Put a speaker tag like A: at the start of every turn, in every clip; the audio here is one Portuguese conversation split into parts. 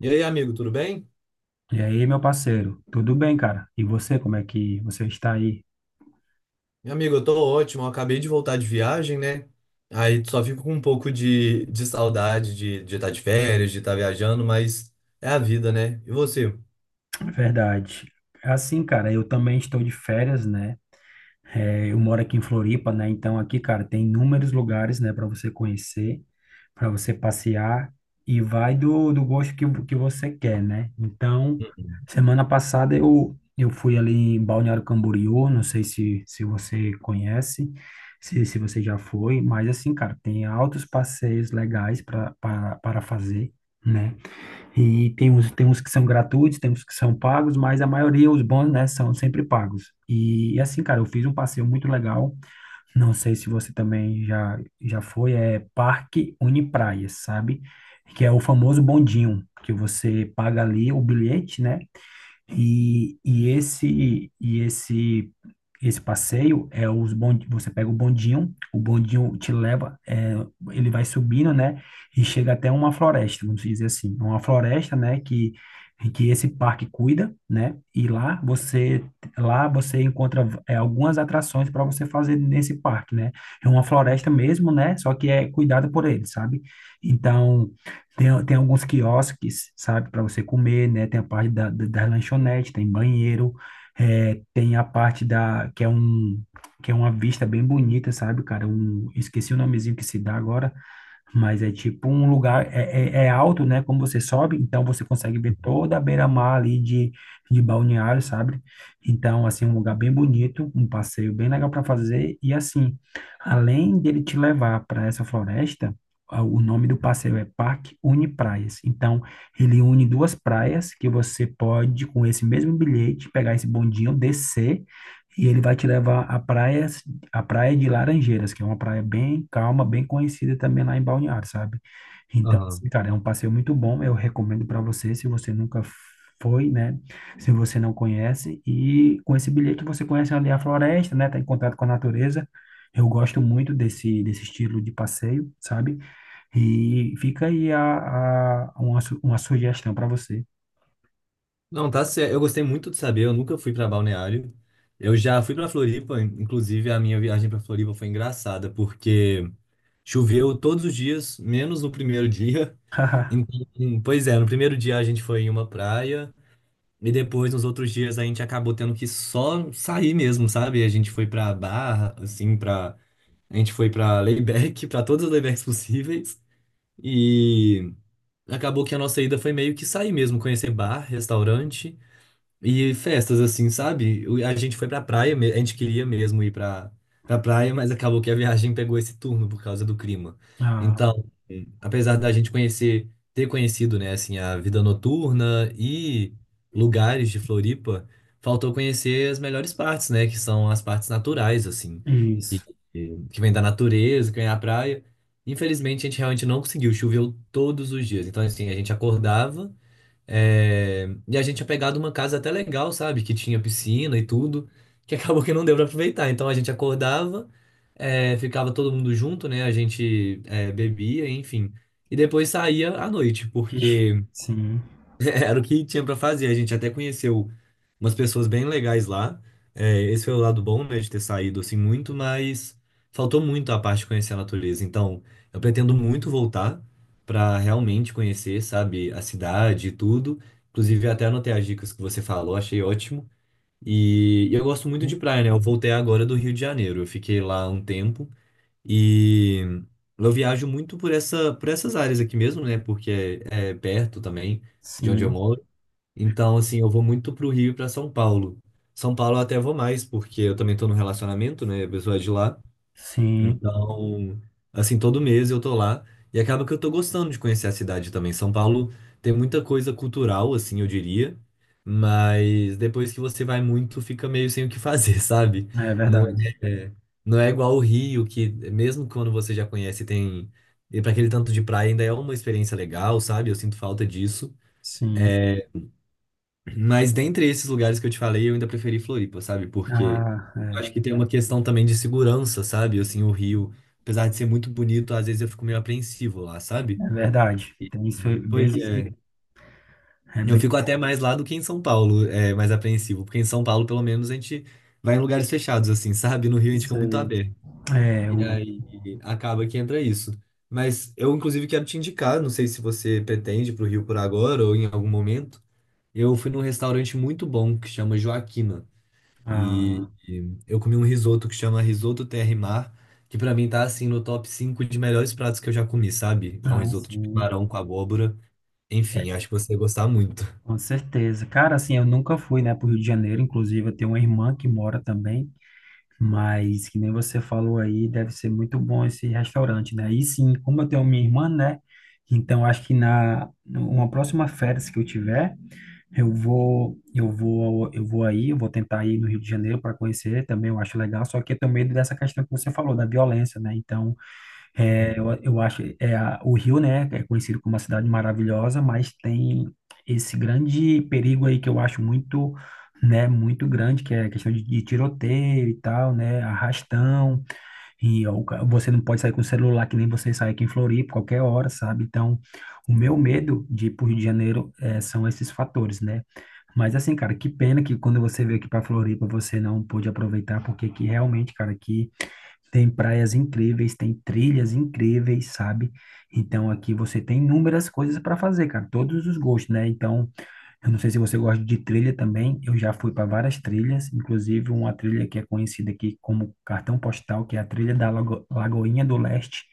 A: E aí, amigo, tudo bem?
B: E aí, meu parceiro, tudo bem, cara? E você, como é que você está aí?
A: Meu amigo, eu tô ótimo. Eu acabei de voltar de viagem, né? Aí só fico com um pouco de saudade de estar de férias, de estar viajando, mas é a vida, né? E você?
B: Verdade. Assim, cara, eu também estou de férias, né? É, eu moro aqui em Floripa, né? Então aqui, cara, tem inúmeros lugares, né, para você conhecer, para você passear e vai do gosto que você quer, né? Então,
A: Uhum.
B: semana passada eu fui ali em Balneário Camboriú, não sei se você conhece, se você já foi, mas assim, cara, tem altos passeios legais para fazer, né? E tem uns que são gratuitos, tem uns que são pagos, mas a maioria, os bons, né, são sempre pagos. E assim, cara, eu fiz um passeio muito legal. Não sei se você também já, já foi, Parque Unipraias, sabe? Que é o famoso bondinho, que você paga ali o bilhete, né? E esse esse passeio você pega o bondinho te leva, ele vai subindo, né? E chega até uma floresta, vamos dizer assim, uma floresta, né? Que esse parque cuida, né? E lá você encontra algumas atrações para você fazer nesse parque, né? É uma floresta mesmo, né? Só que é cuidada por ele, sabe? Então tem, tem alguns quiosques, sabe, para você comer, né? Tem a parte da lanchonete, tem banheiro, tem a parte da que é uma vista bem bonita, sabe, cara? Um, esqueci o nomezinho que se dá agora, mas é tipo um lugar, é alto, né? Como você sobe, então você consegue ver toda a beira-mar ali de Balneário, sabe? Então, assim, um lugar bem bonito, um passeio bem legal para fazer. E assim, além dele te levar para essa floresta, o nome do passeio é Parque Une Praias. Então, ele une duas praias que você pode, com esse mesmo bilhete, pegar esse bondinho, descer, e ele vai te levar a praia de Laranjeiras, que é uma praia bem calma, bem conhecida também lá em Balneário, sabe? Então,
A: Aham.
B: assim, cara, é um passeio muito bom, eu recomendo para você, se você nunca foi, né? Se você não conhece, e com esse bilhete você conhece ali a floresta, né? Tá em contato com a natureza. Eu gosto muito desse estilo de passeio, sabe? E fica aí uma sugestão para você.
A: Não, tá certo. Eu gostei muito de saber. Eu nunca fui pra Balneário. Eu já fui pra Floripa. Inclusive, a minha viagem pra Floripa foi engraçada, porque choveu todos os dias, menos no primeiro dia. Então, pois é, no primeiro dia a gente foi em uma praia. E depois, nos outros dias, a gente acabou tendo que só sair mesmo, sabe? A gente foi pra Barra, assim, pra... A gente foi pra Layback, pra todas as Laybacks possíveis. E acabou que a nossa ida foi meio que sair mesmo, conhecer bar, restaurante. E festas, assim, sabe? A gente foi pra praia, a gente queria mesmo ir pra, pra praia, mas acabou que a viagem pegou esse turno por causa do clima.
B: Ah,
A: Então, apesar da gente conhecer, ter conhecido, né, assim, a vida noturna e lugares de Floripa, faltou conhecer as melhores partes, né, que são as partes naturais, assim, que,
B: isso.
A: que vem da natureza, que vem da praia. Infelizmente, a gente realmente não conseguiu, choveu todos os dias. Então, assim, a gente acordava. E a gente tinha pegado uma casa até legal, sabe? Que tinha piscina e tudo, que acabou que não deu pra aproveitar. Então a gente acordava, ficava todo mundo junto, né? A gente bebia, enfim. E depois saía à noite,
B: Ixi,
A: porque
B: sim,
A: era o que tinha para fazer. A gente até conheceu umas pessoas bem legais lá. É, esse foi o lado bom, né, de ter saído assim muito, mas faltou muito a parte de conhecer a natureza. Então, eu pretendo muito voltar para realmente conhecer, sabe, a cidade e tudo. Inclusive, até anotei as dicas que você falou, achei ótimo. E eu gosto muito de praia, né? Eu voltei agora do Rio de Janeiro. Eu fiquei lá um tempo e eu viajo muito por essas áreas aqui mesmo, né? Porque é perto também de onde eu
B: sim,
A: moro. Então, assim, eu vou muito pro Rio e pra São Paulo. São Paulo eu até vou mais, porque eu também tô num relacionamento, né? A pessoa é de lá.
B: sim,
A: Então, assim, todo mês eu tô lá. E acaba que eu tô gostando de conhecer a cidade também. São Paulo tem muita coisa cultural, assim, eu diria. Mas depois que você vai muito, fica meio sem o que fazer, sabe?
B: é
A: Não
B: verdade.
A: é, é, não é igual o Rio, que mesmo quando você já conhece, tem. E para aquele tanto de praia ainda é uma experiência legal, sabe? Eu sinto falta disso.
B: Sim.
A: É, mas dentre esses lugares que eu te falei, eu ainda preferi Floripa, sabe? Porque
B: Ah,
A: eu
B: é,
A: acho que tem uma questão também de segurança, sabe? Assim, o Rio, apesar de ser muito bonito, às vezes eu fico meio apreensivo lá, sabe?
B: é verdade.
A: E-
B: Tem isso aí,
A: Pois é.
B: é
A: Eu
B: bem
A: fico até mais lá do que em São Paulo, mais apreensivo. Porque em São Paulo, pelo menos, a gente vai em lugares fechados, assim, sabe? No Rio a gente fica
B: isso
A: muito
B: aí.
A: aberto.
B: É,
A: E
B: o,
A: aí acaba que entra isso. Mas eu, inclusive, quero te indicar, não sei se você pretende para o Rio por agora ou em algum momento. Eu fui num restaurante muito bom que chama Joaquina. E,
B: ah,
A: e eu comi um risoto que chama Risoto Terra e Mar, que pra mim tá assim no top 5 de melhores pratos que eu já comi, sabe? É um
B: ah,
A: risoto de
B: sim.
A: camarão com abóbora.
B: É,
A: Enfim, acho que você ia gostar muito.
B: com certeza. Cara, assim, eu nunca fui, né, pro Rio de Janeiro. Inclusive, eu tenho uma irmã que mora também. Mas, que nem você falou aí, deve ser muito bom esse restaurante, né? E sim, como eu tenho minha irmã, né? Então, acho que na uma próxima férias que eu tiver. Eu vou, ao- eu vou aí, eu vou tentar ir no Rio de Janeiro para conhecer também, eu acho legal, só que eu tenho medo dessa questão que você falou, da violência, né? Então, eu acho, o Rio, né, é conhecido como uma cidade maravilhosa, mas tem esse grande perigo aí que eu acho muito, né, muito grande, que é a questão de tiroteio e tal, né, arrastão, você não pode sair com o celular que nem você sai aqui em Floripa, qualquer hora, sabe? Então, o meu
A: Sim,
B: medo de ir para o Rio de Janeiro são esses fatores, né? Mas assim, cara, que pena que quando você veio aqui para Floripa você não pôde aproveitar, porque aqui realmente, cara, aqui tem praias incríveis, tem trilhas incríveis, sabe? Então aqui você tem inúmeras coisas para fazer, cara, todos os gostos, né? Então eu não sei se você gosta de trilha também. Eu já fui para várias trilhas, inclusive uma trilha que é conhecida aqui como Cartão Postal, que é a trilha da Lagoinha do Leste,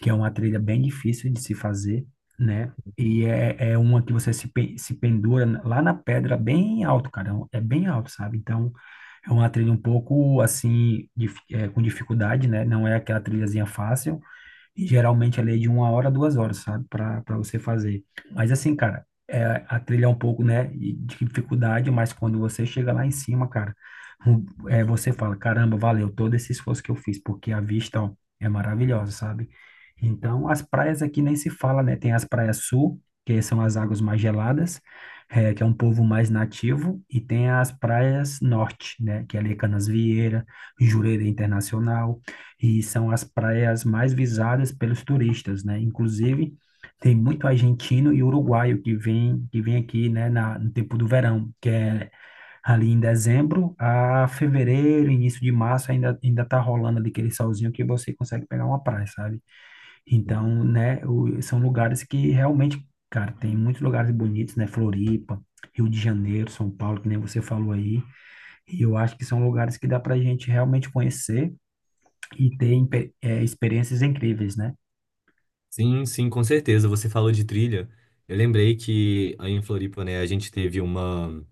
B: que é uma trilha bem difícil de se fazer, né? É uma que você se pendura lá na pedra, bem alto, cara. É bem alto, sabe? Então, é uma trilha um pouco assim, com dificuldade, né? Não é aquela trilhazinha fácil. E geralmente ali é de uma hora, duas horas, sabe? Para você fazer. Mas assim, cara, a trilha é um pouco, né, de dificuldade, mas quando você chega lá em cima, cara, você fala, caramba, valeu todo esse esforço que eu fiz, porque a vista, ó, é maravilhosa, sabe? Então, as praias aqui nem se fala, né? Tem as praias sul, que são as águas mais geladas, que é um povo mais nativo, e tem as praias norte, né? Que é ali é Canasvieira, Jurerê Internacional, e são as praias mais visadas pelos turistas, né? Inclusive, tem muito argentino e uruguaio que vem aqui, no tempo do verão, que é ali em dezembro a fevereiro, início de março, ainda, ainda tá rolando ali aquele solzinho que você consegue pegar uma praia, sabe? Então, são lugares que realmente, cara, tem muitos lugares bonitos, né? Floripa, Rio de Janeiro, São Paulo, que nem você falou aí, e eu acho que são lugares que dá pra gente realmente conhecer, e ter experiências incríveis, né?
A: sim, sim, com certeza. Você falou de trilha. Eu lembrei que aí em Floripa, né, a gente teve uma.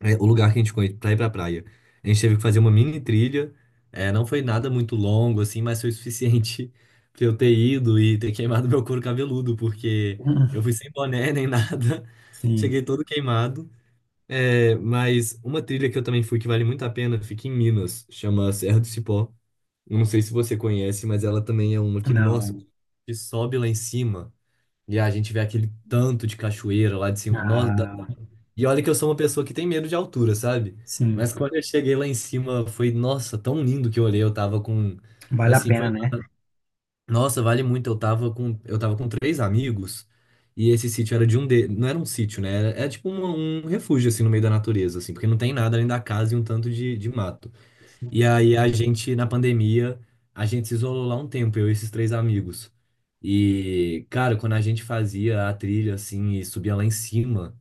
A: É, o lugar que a gente foi pra ir pra praia. A gente teve que fazer uma mini trilha. É, não foi nada muito longo, assim, mas foi o suficiente pra eu ter ido e ter queimado meu couro cabeludo, porque eu
B: Hum,
A: fui sem boné nem nada. Cheguei
B: sim,
A: todo queimado. É, mas uma trilha que eu também fui que vale muito a pena, fica em Minas, chama Serra do Cipó. Eu não sei se você conhece, mas ela também é uma que, nossa,
B: não.
A: que sobe lá em cima e a gente vê aquele tanto de cachoeira lá de cima. Nossa,
B: Ah,
A: e olha que eu sou uma pessoa que tem medo de altura, sabe?
B: sim,
A: Mas quando eu cheguei lá em cima, foi, nossa, tão lindo que eu olhei. Eu tava com,
B: vale a
A: assim,
B: pena,
A: foi,
B: né?
A: nossa, vale muito. Eu tava com três amigos e esse sítio era não era um sítio, né? Era tipo um refúgio, assim, no meio da natureza, assim, porque não tem nada além da casa e um tanto de mato. E
B: Sim,
A: aí a gente, na pandemia, a gente se isolou lá um tempo, eu e esses três amigos. E, cara, quando a gente fazia a trilha assim e subia lá em cima,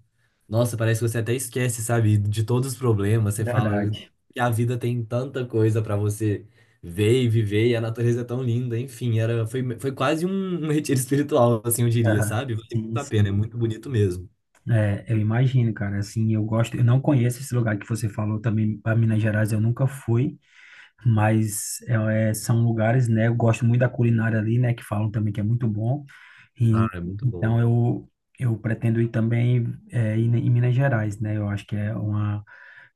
A: nossa, parece que você até esquece, sabe, de todos os problemas. Você fala
B: verdade.
A: que a vida tem tanta coisa pra você ver e viver, e a natureza é tão linda. Enfim, foi quase um retiro espiritual, assim, eu diria,
B: Aham,
A: sabe? Vale
B: sim,
A: muito a pena, é
B: sim.
A: muito bonito mesmo.
B: É, eu imagino, cara. Assim, eu gosto. Eu não conheço esse lugar que você falou também, para Minas Gerais, eu nunca fui. Mas são lugares, né? Eu gosto muito da culinária ali, né? Que falam também que é muito bom.
A: Ah,
B: E,
A: é muito bom.
B: então eu pretendo ir também em Minas Gerais, né? Eu acho que é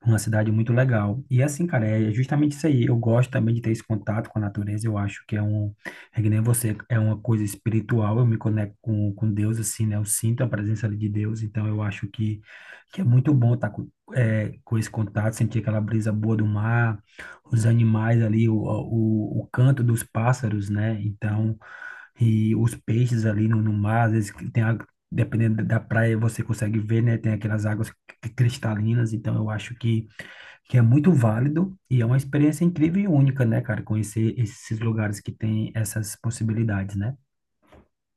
B: uma cidade muito legal. E assim, cara, é justamente isso aí. Eu gosto também de ter esse contato com a natureza. Eu acho que é que nem você, é uma coisa espiritual. Eu me conecto com Deus, assim, né? Eu sinto a presença ali de Deus. Então, eu acho que é muito bom estar com esse contato, sentir aquela brisa boa do mar, os animais ali, o canto dos pássaros, né? Então, e os peixes ali no mar, às vezes que tem, dependendo da praia, você consegue ver, né? Tem aquelas águas cristalinas, então eu acho que é muito válido e é uma experiência incrível e única, né, cara? Conhecer esses lugares que tem essas possibilidades, né?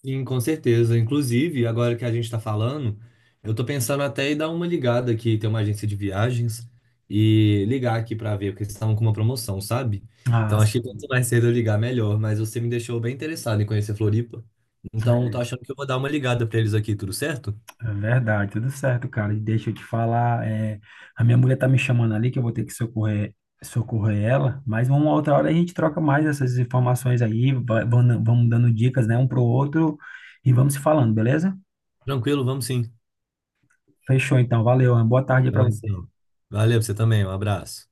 A: Sim, com certeza. Inclusive, agora que a gente está falando, eu tô pensando até em dar uma ligada aqui, ter uma agência de viagens, e ligar aqui para ver, porque eles estavam com uma promoção, sabe?
B: Ah.
A: Então, acho que quanto mais cedo eu ligar, melhor. Mas você me deixou bem interessado em conhecer Floripa. Então, eu tô achando que eu vou dar uma ligada para eles aqui, tudo certo?
B: É verdade, tudo certo, cara. E deixa eu te falar, a minha mulher tá me chamando ali que eu vou ter que socorrer, socorrer ela, mas uma outra hora a gente troca mais essas informações aí, vamos dando dicas, né, um pro outro e vamos se falando, beleza?
A: Tranquilo, vamos sim.
B: Fechou então, valeu, uma boa tarde
A: Tá
B: para
A: bom,
B: você.
A: então. Valeu, pra você também, um abraço.